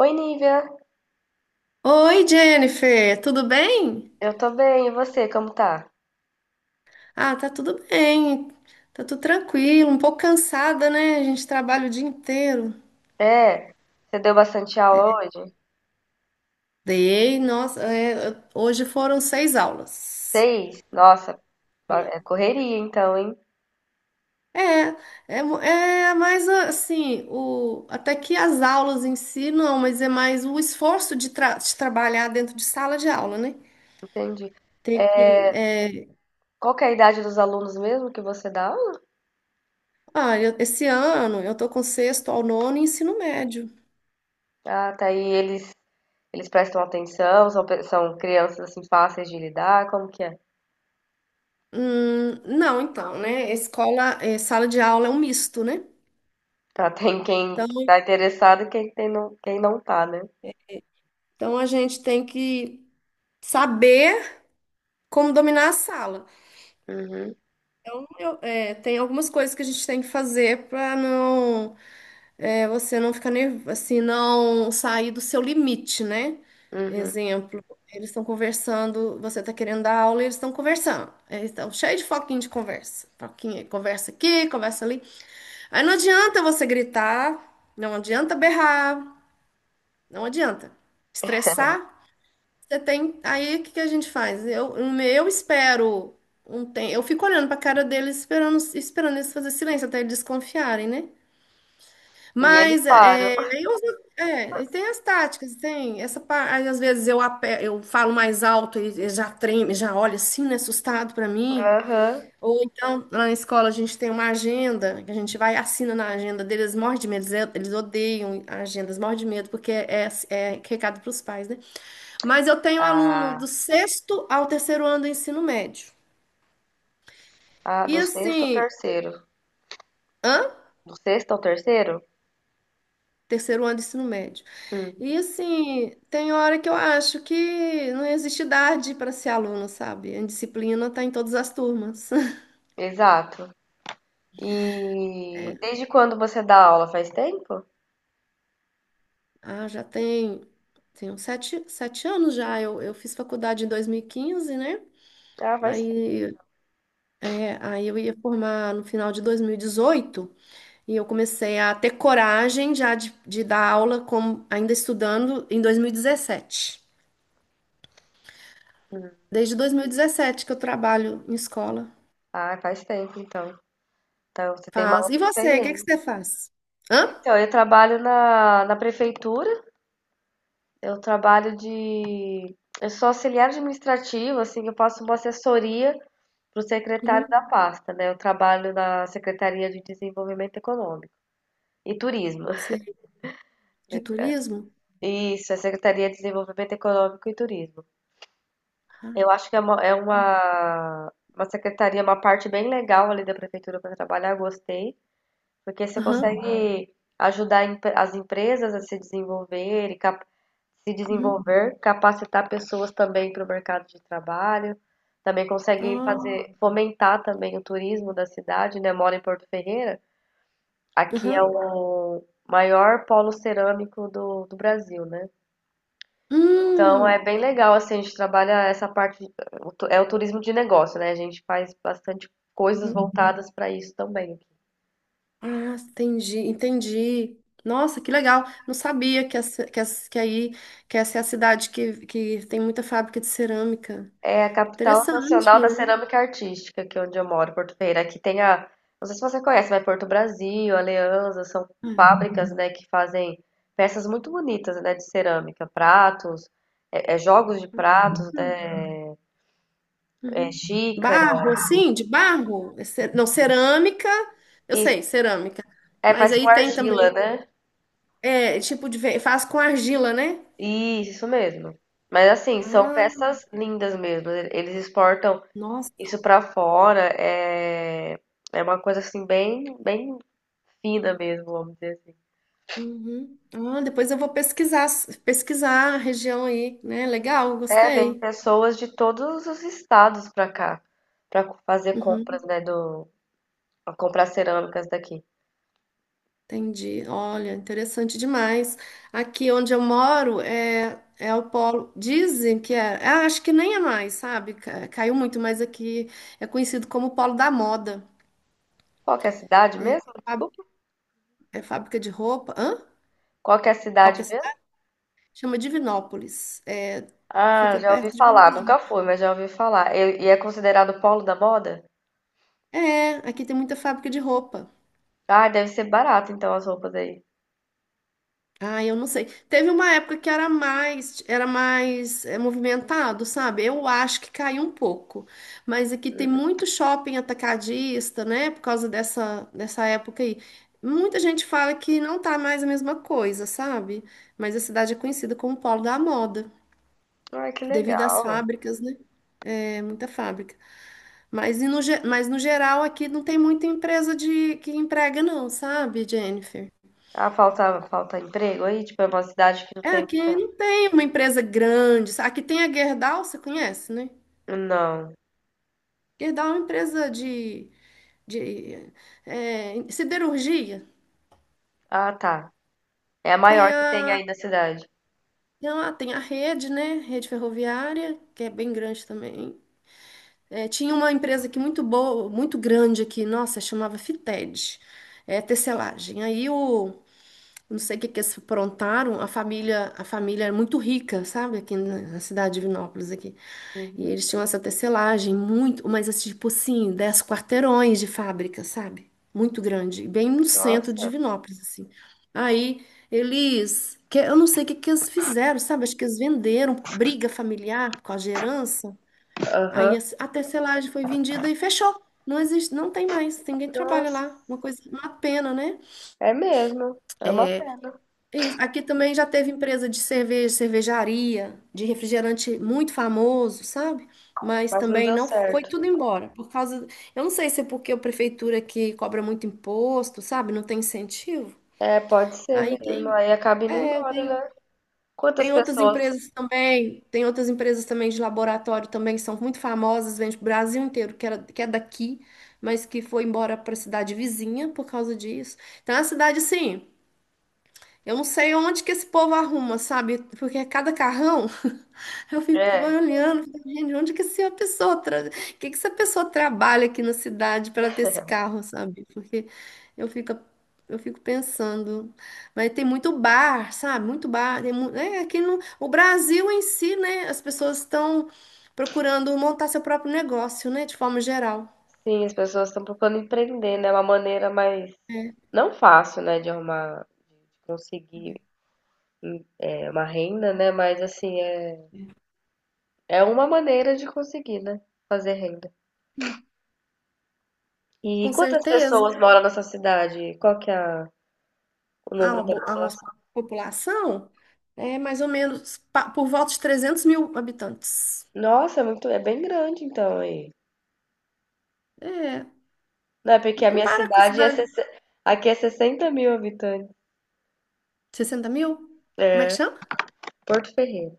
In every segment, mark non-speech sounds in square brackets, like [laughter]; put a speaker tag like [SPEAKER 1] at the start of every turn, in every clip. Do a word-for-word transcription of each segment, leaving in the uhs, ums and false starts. [SPEAKER 1] Oi, Nívia.
[SPEAKER 2] Oi, Jennifer, tudo bem?
[SPEAKER 1] Eu tô bem, e você, como tá?
[SPEAKER 2] Ah, tá tudo bem, tá tudo tranquilo, um pouco cansada, né? A gente trabalha o dia inteiro.
[SPEAKER 1] É, você deu bastante aula hoje?
[SPEAKER 2] Dei, nossa, é, hoje foram seis aulas.
[SPEAKER 1] Seis? Nossa, ba- é correria então, hein?
[SPEAKER 2] É, é, mu- é mais assim, o, até que as aulas em si não, mas é mais o esforço de, tra- de trabalhar dentro de sala de aula, né?
[SPEAKER 1] Entendi.
[SPEAKER 2] Ter que, é,
[SPEAKER 1] Qual que é a idade dos alunos mesmo que você dá aula?
[SPEAKER 2] ah, eu- Esse ano eu tô com sexto ao nono e ensino médio.
[SPEAKER 1] Ah, tá aí, eles, eles prestam atenção, são, pe- são crianças assim fáceis de lidar, como que é?
[SPEAKER 2] Hum, não, então, né? Escola, eh, sala de aula é um misto, né?
[SPEAKER 1] Tá, tem [laughs] quem
[SPEAKER 2] Então,
[SPEAKER 1] tá interessado e quem, tem não, quem não tá, né?
[SPEAKER 2] então a gente tem que saber como dominar a sala.
[SPEAKER 1] Uhum,
[SPEAKER 2] Então, eu, eh, tem algumas coisas que a gente tem que fazer para não, eh, você não ficar nervoso, assim, não sair do seu limite, né?
[SPEAKER 1] uhum.
[SPEAKER 2] Exemplo, eles estão conversando, você está querendo dar aula, e eles estão conversando. Eles estão cheios de foquinho de conversa. Foquinho, conversa aqui, conversa ali. Aí não adianta você gritar, não adianta berrar. Não adianta. Estressar, você tem. Aí o que que a gente faz? Eu, um- eu espero um tempo. Eu fico olhando para a cara deles, esperando, esperando eles fazer silêncio até eles desconfiarem, né?
[SPEAKER 1] E eles
[SPEAKER 2] Mas
[SPEAKER 1] param.
[SPEAKER 2] é, eu, é, e tem as táticas, tem essa parte. Às vezes eu, ape- eu falo mais alto e e já treme, já olha assim, né, assustado para mim.
[SPEAKER 1] Aham.
[SPEAKER 2] Ou então, lá na escola, a gente tem uma agenda, que a gente vai e assina na agenda deles, morre de medo, eles eles odeiam agendas, morre de medo, porque é, é é recado para os pais, né? Mas eu tenho aluno
[SPEAKER 1] Ah,
[SPEAKER 2] do sexto ao terceiro ano do ensino médio.
[SPEAKER 1] ah,
[SPEAKER 2] E
[SPEAKER 1] do sexto ao
[SPEAKER 2] assim,
[SPEAKER 1] terceiro.
[SPEAKER 2] hã?
[SPEAKER 1] Do sexto ao terceiro?
[SPEAKER 2] Terceiro ano do ensino médio. E assim, tem hora que eu acho que não existe idade para ser aluno, sabe? A disciplina tá em todas as turmas. [laughs]
[SPEAKER 1] Exato. E desde quando você dá aula? Faz tempo?
[SPEAKER 2] Ah, já tem, tem uns sete, sete anos já. Eu, eu fiz faculdade em dois mil e quinze, né?
[SPEAKER 1] Ah, faz tempo.
[SPEAKER 2] Aí, é, aí eu ia formar no final de dois mil e dezoito. E eu comecei a ter coragem já de, de dar aula como ainda estudando em dois mil e dezessete. Desde dois mil e dezessete que eu trabalho em escola.
[SPEAKER 1] Ah, faz tempo então. Então você tem uma
[SPEAKER 2] Faz. E
[SPEAKER 1] ampla
[SPEAKER 2] você, o que é que
[SPEAKER 1] experiência.
[SPEAKER 2] você faz? Hã?
[SPEAKER 1] Então, eu trabalho na, na prefeitura, eu trabalho de. Eu sou auxiliar administrativo, assim, eu faço uma assessoria para o secretário
[SPEAKER 2] Uhum.
[SPEAKER 1] da pasta, né? Eu trabalho na Secretaria de Desenvolvimento Econômico e Turismo.
[SPEAKER 2] Você é
[SPEAKER 1] [laughs]
[SPEAKER 2] de turismo?
[SPEAKER 1] Isso, é Secretaria de Desenvolvimento Econômico e Turismo.
[SPEAKER 2] Ah,
[SPEAKER 1] Eu acho que é uma, é uma, uma secretaria, uma parte bem legal ali da prefeitura para trabalhar, gostei, porque você
[SPEAKER 2] aham.
[SPEAKER 1] consegue ajudar em- as empresas a se desenvolver e cap- se
[SPEAKER 2] Uhum.
[SPEAKER 1] desenvolver, capacitar pessoas também para o mercado de trabalho, também consegue
[SPEAKER 2] Ah,
[SPEAKER 1] fazer, fomentar também o turismo da cidade, né? Eu moro em Porto Ferreira, aqui é
[SPEAKER 2] aham.
[SPEAKER 1] o maior polo cerâmico do, do Brasil, né? Então é
[SPEAKER 2] Hum.
[SPEAKER 1] bem legal, assim, a gente trabalha essa parte, de- o tu- é o turismo de negócio, né? A gente faz bastante coisas
[SPEAKER 2] Uhum.
[SPEAKER 1] voltadas para isso também.
[SPEAKER 2] Ah, entendi, entendi. Nossa, que legal. Não sabia que, essa, que, essa- que aí que essa é a cidade que, que tem muita fábrica de cerâmica.
[SPEAKER 1] É a capital nacional
[SPEAKER 2] Interessante,
[SPEAKER 1] da
[SPEAKER 2] né?
[SPEAKER 1] cerâmica artística, que é onde eu moro, Porto Ferreira. Aqui tem a, não sei se você conhece, mas Porto Brasil, Aliança, são
[SPEAKER 2] É.
[SPEAKER 1] fábricas, né, que fazem peças muito bonitas, né, de cerâmica, pratos, é, é jogos de pratos, né, é
[SPEAKER 2] Uhum.
[SPEAKER 1] xícara,
[SPEAKER 2] Barro, assim, de barro? É ce- Não, cerâmica, eu
[SPEAKER 1] e
[SPEAKER 2] sei, cerâmica.
[SPEAKER 1] é,
[SPEAKER 2] Mas
[SPEAKER 1] faz com
[SPEAKER 2] aí tem
[SPEAKER 1] argila,
[SPEAKER 2] também,
[SPEAKER 1] né?
[SPEAKER 2] é, tipo de... ve- faz com argila, né?
[SPEAKER 1] Isso, isso mesmo. Mas assim, são
[SPEAKER 2] Ah,
[SPEAKER 1] peças lindas mesmo. e- Eles exportam
[SPEAKER 2] nossa.
[SPEAKER 1] isso pra fora. É, é uma coisa assim bem, bem fina mesmo, vamos dizer assim.
[SPEAKER 2] Uhum. Ah, depois eu vou pesquisar, pesquisar a região aí, né? Legal,
[SPEAKER 1] É, vem
[SPEAKER 2] gostei.
[SPEAKER 1] pessoas de todos os estados pra cá, pra co- fazer compras,
[SPEAKER 2] Uhum,
[SPEAKER 1] né, do, pra comprar cerâmicas daqui.
[SPEAKER 2] entendi. Olha, interessante demais. Aqui onde eu moro é, é o polo. Dizem que é. ah, acho que nem é mais, sabe? Ca- Caiu muito, mas aqui é conhecido como polo da moda.
[SPEAKER 1] Qual que é a cidade mesmo? Desculpa.
[SPEAKER 2] É fábrica de roupa. Hã?
[SPEAKER 1] Qual que é a
[SPEAKER 2] Qual que
[SPEAKER 1] cidade
[SPEAKER 2] é a
[SPEAKER 1] mesmo?
[SPEAKER 2] cidade? Chama Divinópolis. É,
[SPEAKER 1] Ah,
[SPEAKER 2] fica
[SPEAKER 1] já ouvi
[SPEAKER 2] perto de Belo
[SPEAKER 1] falar, nunca
[SPEAKER 2] Horizonte.
[SPEAKER 1] fui, mas já ouvi falar. E, e é considerado polo da moda?
[SPEAKER 2] É, aqui tem muita fábrica de roupa.
[SPEAKER 1] Ah, deve ser barato então as roupas aí.
[SPEAKER 2] Ah, eu não sei. Teve uma época que era mais, era mais é, movimentado, sabe? Eu acho que caiu um pouco. Mas aqui tem muito shopping atacadista, né? Por causa dessa, dessa época aí. Muita gente fala que não tá mais a mesma coisa, sabe? Mas a cidade é conhecida como polo da moda,
[SPEAKER 1] Ai, que
[SPEAKER 2] devido às
[SPEAKER 1] legal.
[SPEAKER 2] fábricas, né? É, muita fábrica. Mas, e no, ge- mas no geral aqui não tem muita empresa de que emprega não, sabe, Jennifer?
[SPEAKER 1] Ah, falta, falta emprego aí? Tipo, é uma cidade que não
[SPEAKER 2] É,
[SPEAKER 1] tem
[SPEAKER 2] aqui
[SPEAKER 1] muita.
[SPEAKER 2] não tem uma empresa grande. sa- Aqui tem a Gerdau, você conhece, né?
[SPEAKER 1] Não.
[SPEAKER 2] Gerdau é uma empresa de, de é, siderurgia.
[SPEAKER 1] Ah, tá. É a
[SPEAKER 2] Tem
[SPEAKER 1] maior que tem
[SPEAKER 2] a,
[SPEAKER 1] aí na cidade.
[SPEAKER 2] tem a, tem a rede, né? Rede ferroviária, que é bem grande também. É, tinha uma empresa aqui muito boa, muito grande aqui, nossa, chamava Fited, é, tecelagem. Aí o não sei o que que eles aprontaram, a família, a família era muito rica, sabe, aqui na na cidade de Vinópolis aqui. E
[SPEAKER 1] Uhum.
[SPEAKER 2] eles tinham essa tecelagem muito, mas assim, tipo assim, dez quarteirões de fábrica, sabe? Muito grande, bem no centro de
[SPEAKER 1] Nossa.
[SPEAKER 2] Vinópolis assim. Aí eles, que eu não sei o que que eles fizeram, sabe? Acho que eles venderam briga familiar por causa de herança. Aí
[SPEAKER 1] Aham.
[SPEAKER 2] a a tecelagem foi vendida e fechou. Não existe, não tem mais, ninguém trabalha
[SPEAKER 1] Nossa.
[SPEAKER 2] lá. Uma coisa, uma pena, né?
[SPEAKER 1] É mesmo. É uma pena.
[SPEAKER 2] Isso. Aqui também já teve empresa de cerveja, cervejaria, de refrigerante muito famoso, sabe? Mas
[SPEAKER 1] Mas não
[SPEAKER 2] também
[SPEAKER 1] deu
[SPEAKER 2] não foi
[SPEAKER 1] certo.
[SPEAKER 2] tudo embora, por causa, eu não sei se é porque a prefeitura aqui cobra muito imposto, sabe? Não tem incentivo.
[SPEAKER 1] É, pode ser
[SPEAKER 2] Aí
[SPEAKER 1] mesmo.
[SPEAKER 2] tem,
[SPEAKER 1] Aí acaba indo
[SPEAKER 2] é,
[SPEAKER 1] embora,
[SPEAKER 2] tem,
[SPEAKER 1] né? Quantas
[SPEAKER 2] tem outras
[SPEAKER 1] pessoas.
[SPEAKER 2] empresas também, tem outras empresas também de laboratório também que são muito famosas, vende pro Brasil inteiro, que era, que é daqui, mas que foi embora para a cidade vizinha por causa disso. Então a cidade assim, eu não sei onde que esse povo arruma, sabe? Porque é cada carrão, [laughs] eu fico
[SPEAKER 1] É.
[SPEAKER 2] olhando, fico, gente, onde que essa pessoa, tra... que que essa pessoa trabalha aqui na cidade para ter esse carro, sabe? Porque eu fico, eu fico pensando, mas tem muito bar, sabe? Muito bar, tem mu... é, aqui no o Brasil em si, né? As pessoas estão procurando montar seu próprio negócio, né? De forma geral.
[SPEAKER 1] Sim, as pessoas estão procurando empreender, né? É uma maneira mais. Não fácil, né? De arrumar é, uma renda, né? Mas assim, é, é uma maneira de conseguir, né? Fazer renda. E
[SPEAKER 2] Com
[SPEAKER 1] quantas pessoas
[SPEAKER 2] certeza.
[SPEAKER 1] moram nessa cidade? Qual que é a- o
[SPEAKER 2] a,
[SPEAKER 1] número
[SPEAKER 2] uma
[SPEAKER 1] da
[SPEAKER 2] bo- a nossa
[SPEAKER 1] população?
[SPEAKER 2] população é mais ou menos pa- por volta de trezentos mil habitantes.
[SPEAKER 1] Nossa, é muito, é bem grande então aí.
[SPEAKER 2] É,
[SPEAKER 1] Não, é porque
[SPEAKER 2] não
[SPEAKER 1] a minha
[SPEAKER 2] compara com a
[SPEAKER 1] cidade é,
[SPEAKER 2] cidade.
[SPEAKER 1] sessenta aqui é sessenta mil habitantes,
[SPEAKER 2] Sessenta mil? Como é que chama?
[SPEAKER 1] Porto Ferreira.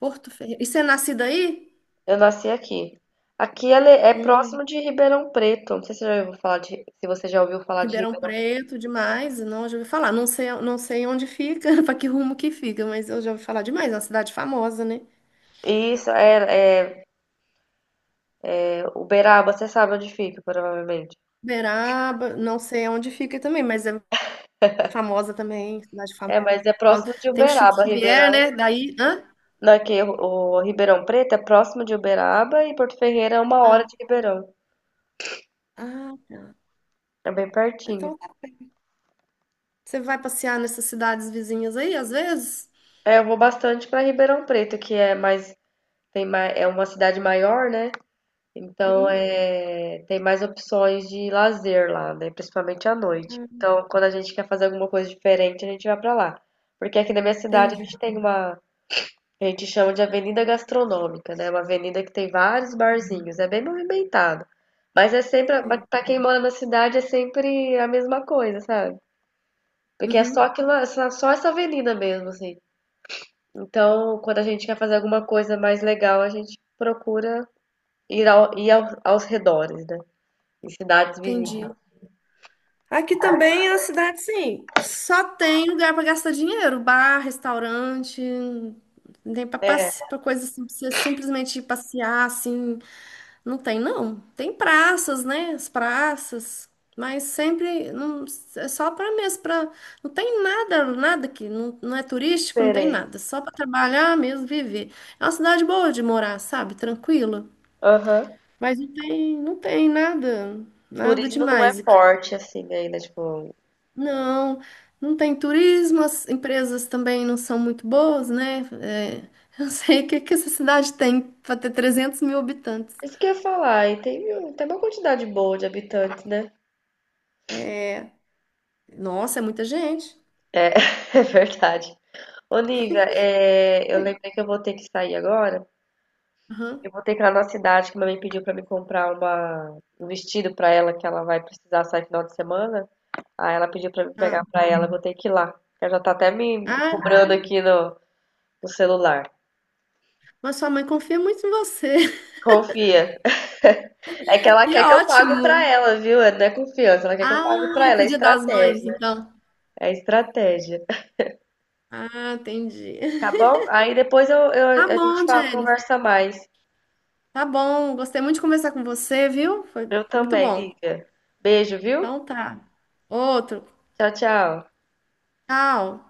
[SPEAKER 2] Porto Ferreira. E você é nascida aí?
[SPEAKER 1] Eu nasci aqui. Aqui ela é é
[SPEAKER 2] Hum,
[SPEAKER 1] próximo de Ribeirão Preto. Não sei se você já ouviu falar de, se você já ouviu falar de
[SPEAKER 2] Ribeirão
[SPEAKER 1] Ribeirão.
[SPEAKER 2] Preto, demais. Não, eu já ouvi falar. Não sei, não sei onde fica, [laughs] para que rumo que fica, mas eu já ouvi falar demais. É uma cidade famosa, né?
[SPEAKER 1] Isso, é, é Uberaba, você sabe onde fica, provavelmente.
[SPEAKER 2] Uberaba, não sei onde fica também, mas é famosa também, cidade
[SPEAKER 1] É, mas
[SPEAKER 2] famosa.
[SPEAKER 1] é
[SPEAKER 2] Por causa-
[SPEAKER 1] próximo de
[SPEAKER 2] Tem o Chico
[SPEAKER 1] Uberaba,
[SPEAKER 2] Xavier,
[SPEAKER 1] Ribeirão.
[SPEAKER 2] né? Daí. Hã?
[SPEAKER 1] Não, é que o, o Ribeirão Preto é próximo de Uberaba e Porto Ferreira é uma hora
[SPEAKER 2] Hã?
[SPEAKER 1] de Ribeirão.
[SPEAKER 2] Ah, tá.
[SPEAKER 1] É bem pertinho.
[SPEAKER 2] Então Você vai passear nessas cidades vizinhas aí, às vezes?
[SPEAKER 1] É, eu vou bastante para Ribeirão Preto, que é mais, tem mais, é uma cidade maior, né? Então
[SPEAKER 2] Uhum.
[SPEAKER 1] é, tem mais opções de lazer lá, né? Principalmente à noite.
[SPEAKER 2] Ah,
[SPEAKER 1] Então, quando a gente quer fazer alguma coisa diferente, a gente vai para lá. Porque aqui na minha cidade a
[SPEAKER 2] Entendi.
[SPEAKER 1] gente tem uma, a gente chama de avenida gastronômica, né? Uma avenida que tem vários barzinhos, é bem movimentado. Mas é sempre,
[SPEAKER 2] Sei.
[SPEAKER 1] para quem mora na cidade, é sempre a mesma coisa, sabe? Porque é só
[SPEAKER 2] Uhum.
[SPEAKER 1] aquilo, é só essa avenida mesmo, assim. Então, quando a gente quer fazer alguma coisa mais legal, a gente procura ir, ao, ir aos, aos redores, né? Em cidades vizinhas.
[SPEAKER 2] Entendi. Aqui também é uma cidade, sim. Só tem lugar para gastar dinheiro, bar, restaurante, não tem para
[SPEAKER 1] É,
[SPEAKER 2] coisa assim, pra você simplesmente ir passear assim. Não tem, não. Tem praças, né? As praças. Mas sempre não, é só para mesmo, para não tem nada, nada que não, não é turístico, não tem
[SPEAKER 1] diferente.
[SPEAKER 2] nada, é só para trabalhar mesmo, viver. É uma cidade boa de morar, sabe? Tranquila.
[SPEAKER 1] Aham.
[SPEAKER 2] Mas não tem, não tem nada, nada
[SPEAKER 1] Turismo não é
[SPEAKER 2] demais aqui.
[SPEAKER 1] forte assim ainda, tipo.
[SPEAKER 2] Não, não tem turismo, as empresas também não são muito boas, né? É, [laughs] eu não sei o que que essa cidade tem para ter trezentos mil habitantes.
[SPEAKER 1] Isso que eu ia falar, e tem, tem uma quantidade boa de habitantes, né?
[SPEAKER 2] Nossa, é muita gente.
[SPEAKER 1] É, [laughs] é verdade. Ô, Nívia, é, eu
[SPEAKER 2] Oi.
[SPEAKER 1] lembrei que eu vou ter que sair agora. Eu vou ter que ir lá na cidade, que minha mãe pediu pra me comprar uma, um vestido pra ela, que ela vai precisar sair final de semana. Aí ela pediu pra me
[SPEAKER 2] Ah,
[SPEAKER 1] pegar pra ela, eu vou ter que ir lá. Ela já tá até me me
[SPEAKER 2] ah,
[SPEAKER 1] cobrando aqui no, no celular.
[SPEAKER 2] mas sua mãe confia muito em você. [laughs]
[SPEAKER 1] Confia. É que ela
[SPEAKER 2] Que
[SPEAKER 1] quer que eu pague pra
[SPEAKER 2] ótimo.
[SPEAKER 1] ela, viu? É- Não é confiança, ela quer que eu pague
[SPEAKER 2] Ah,
[SPEAKER 1] pra
[SPEAKER 2] é
[SPEAKER 1] ela.
[SPEAKER 2] pro
[SPEAKER 1] É
[SPEAKER 2] Dia das Mães,
[SPEAKER 1] estratégia.
[SPEAKER 2] então.
[SPEAKER 1] É estratégia.
[SPEAKER 2] Ah, entendi.
[SPEAKER 1] Tá
[SPEAKER 2] [laughs]
[SPEAKER 1] bom? Aí depois eu, eu-
[SPEAKER 2] Tá
[SPEAKER 1] a gente
[SPEAKER 2] bom,
[SPEAKER 1] fala,
[SPEAKER 2] Jennifer.
[SPEAKER 1] conversa mais.
[SPEAKER 2] Tá bom. Gostei muito de conversar com você, viu? Foi,
[SPEAKER 1] Eu
[SPEAKER 2] foi muito
[SPEAKER 1] também,
[SPEAKER 2] bom.
[SPEAKER 1] Lívia. Beijo, viu?
[SPEAKER 2] Então tá. Outro.
[SPEAKER 1] Tchau, tchau.
[SPEAKER 2] Tchau.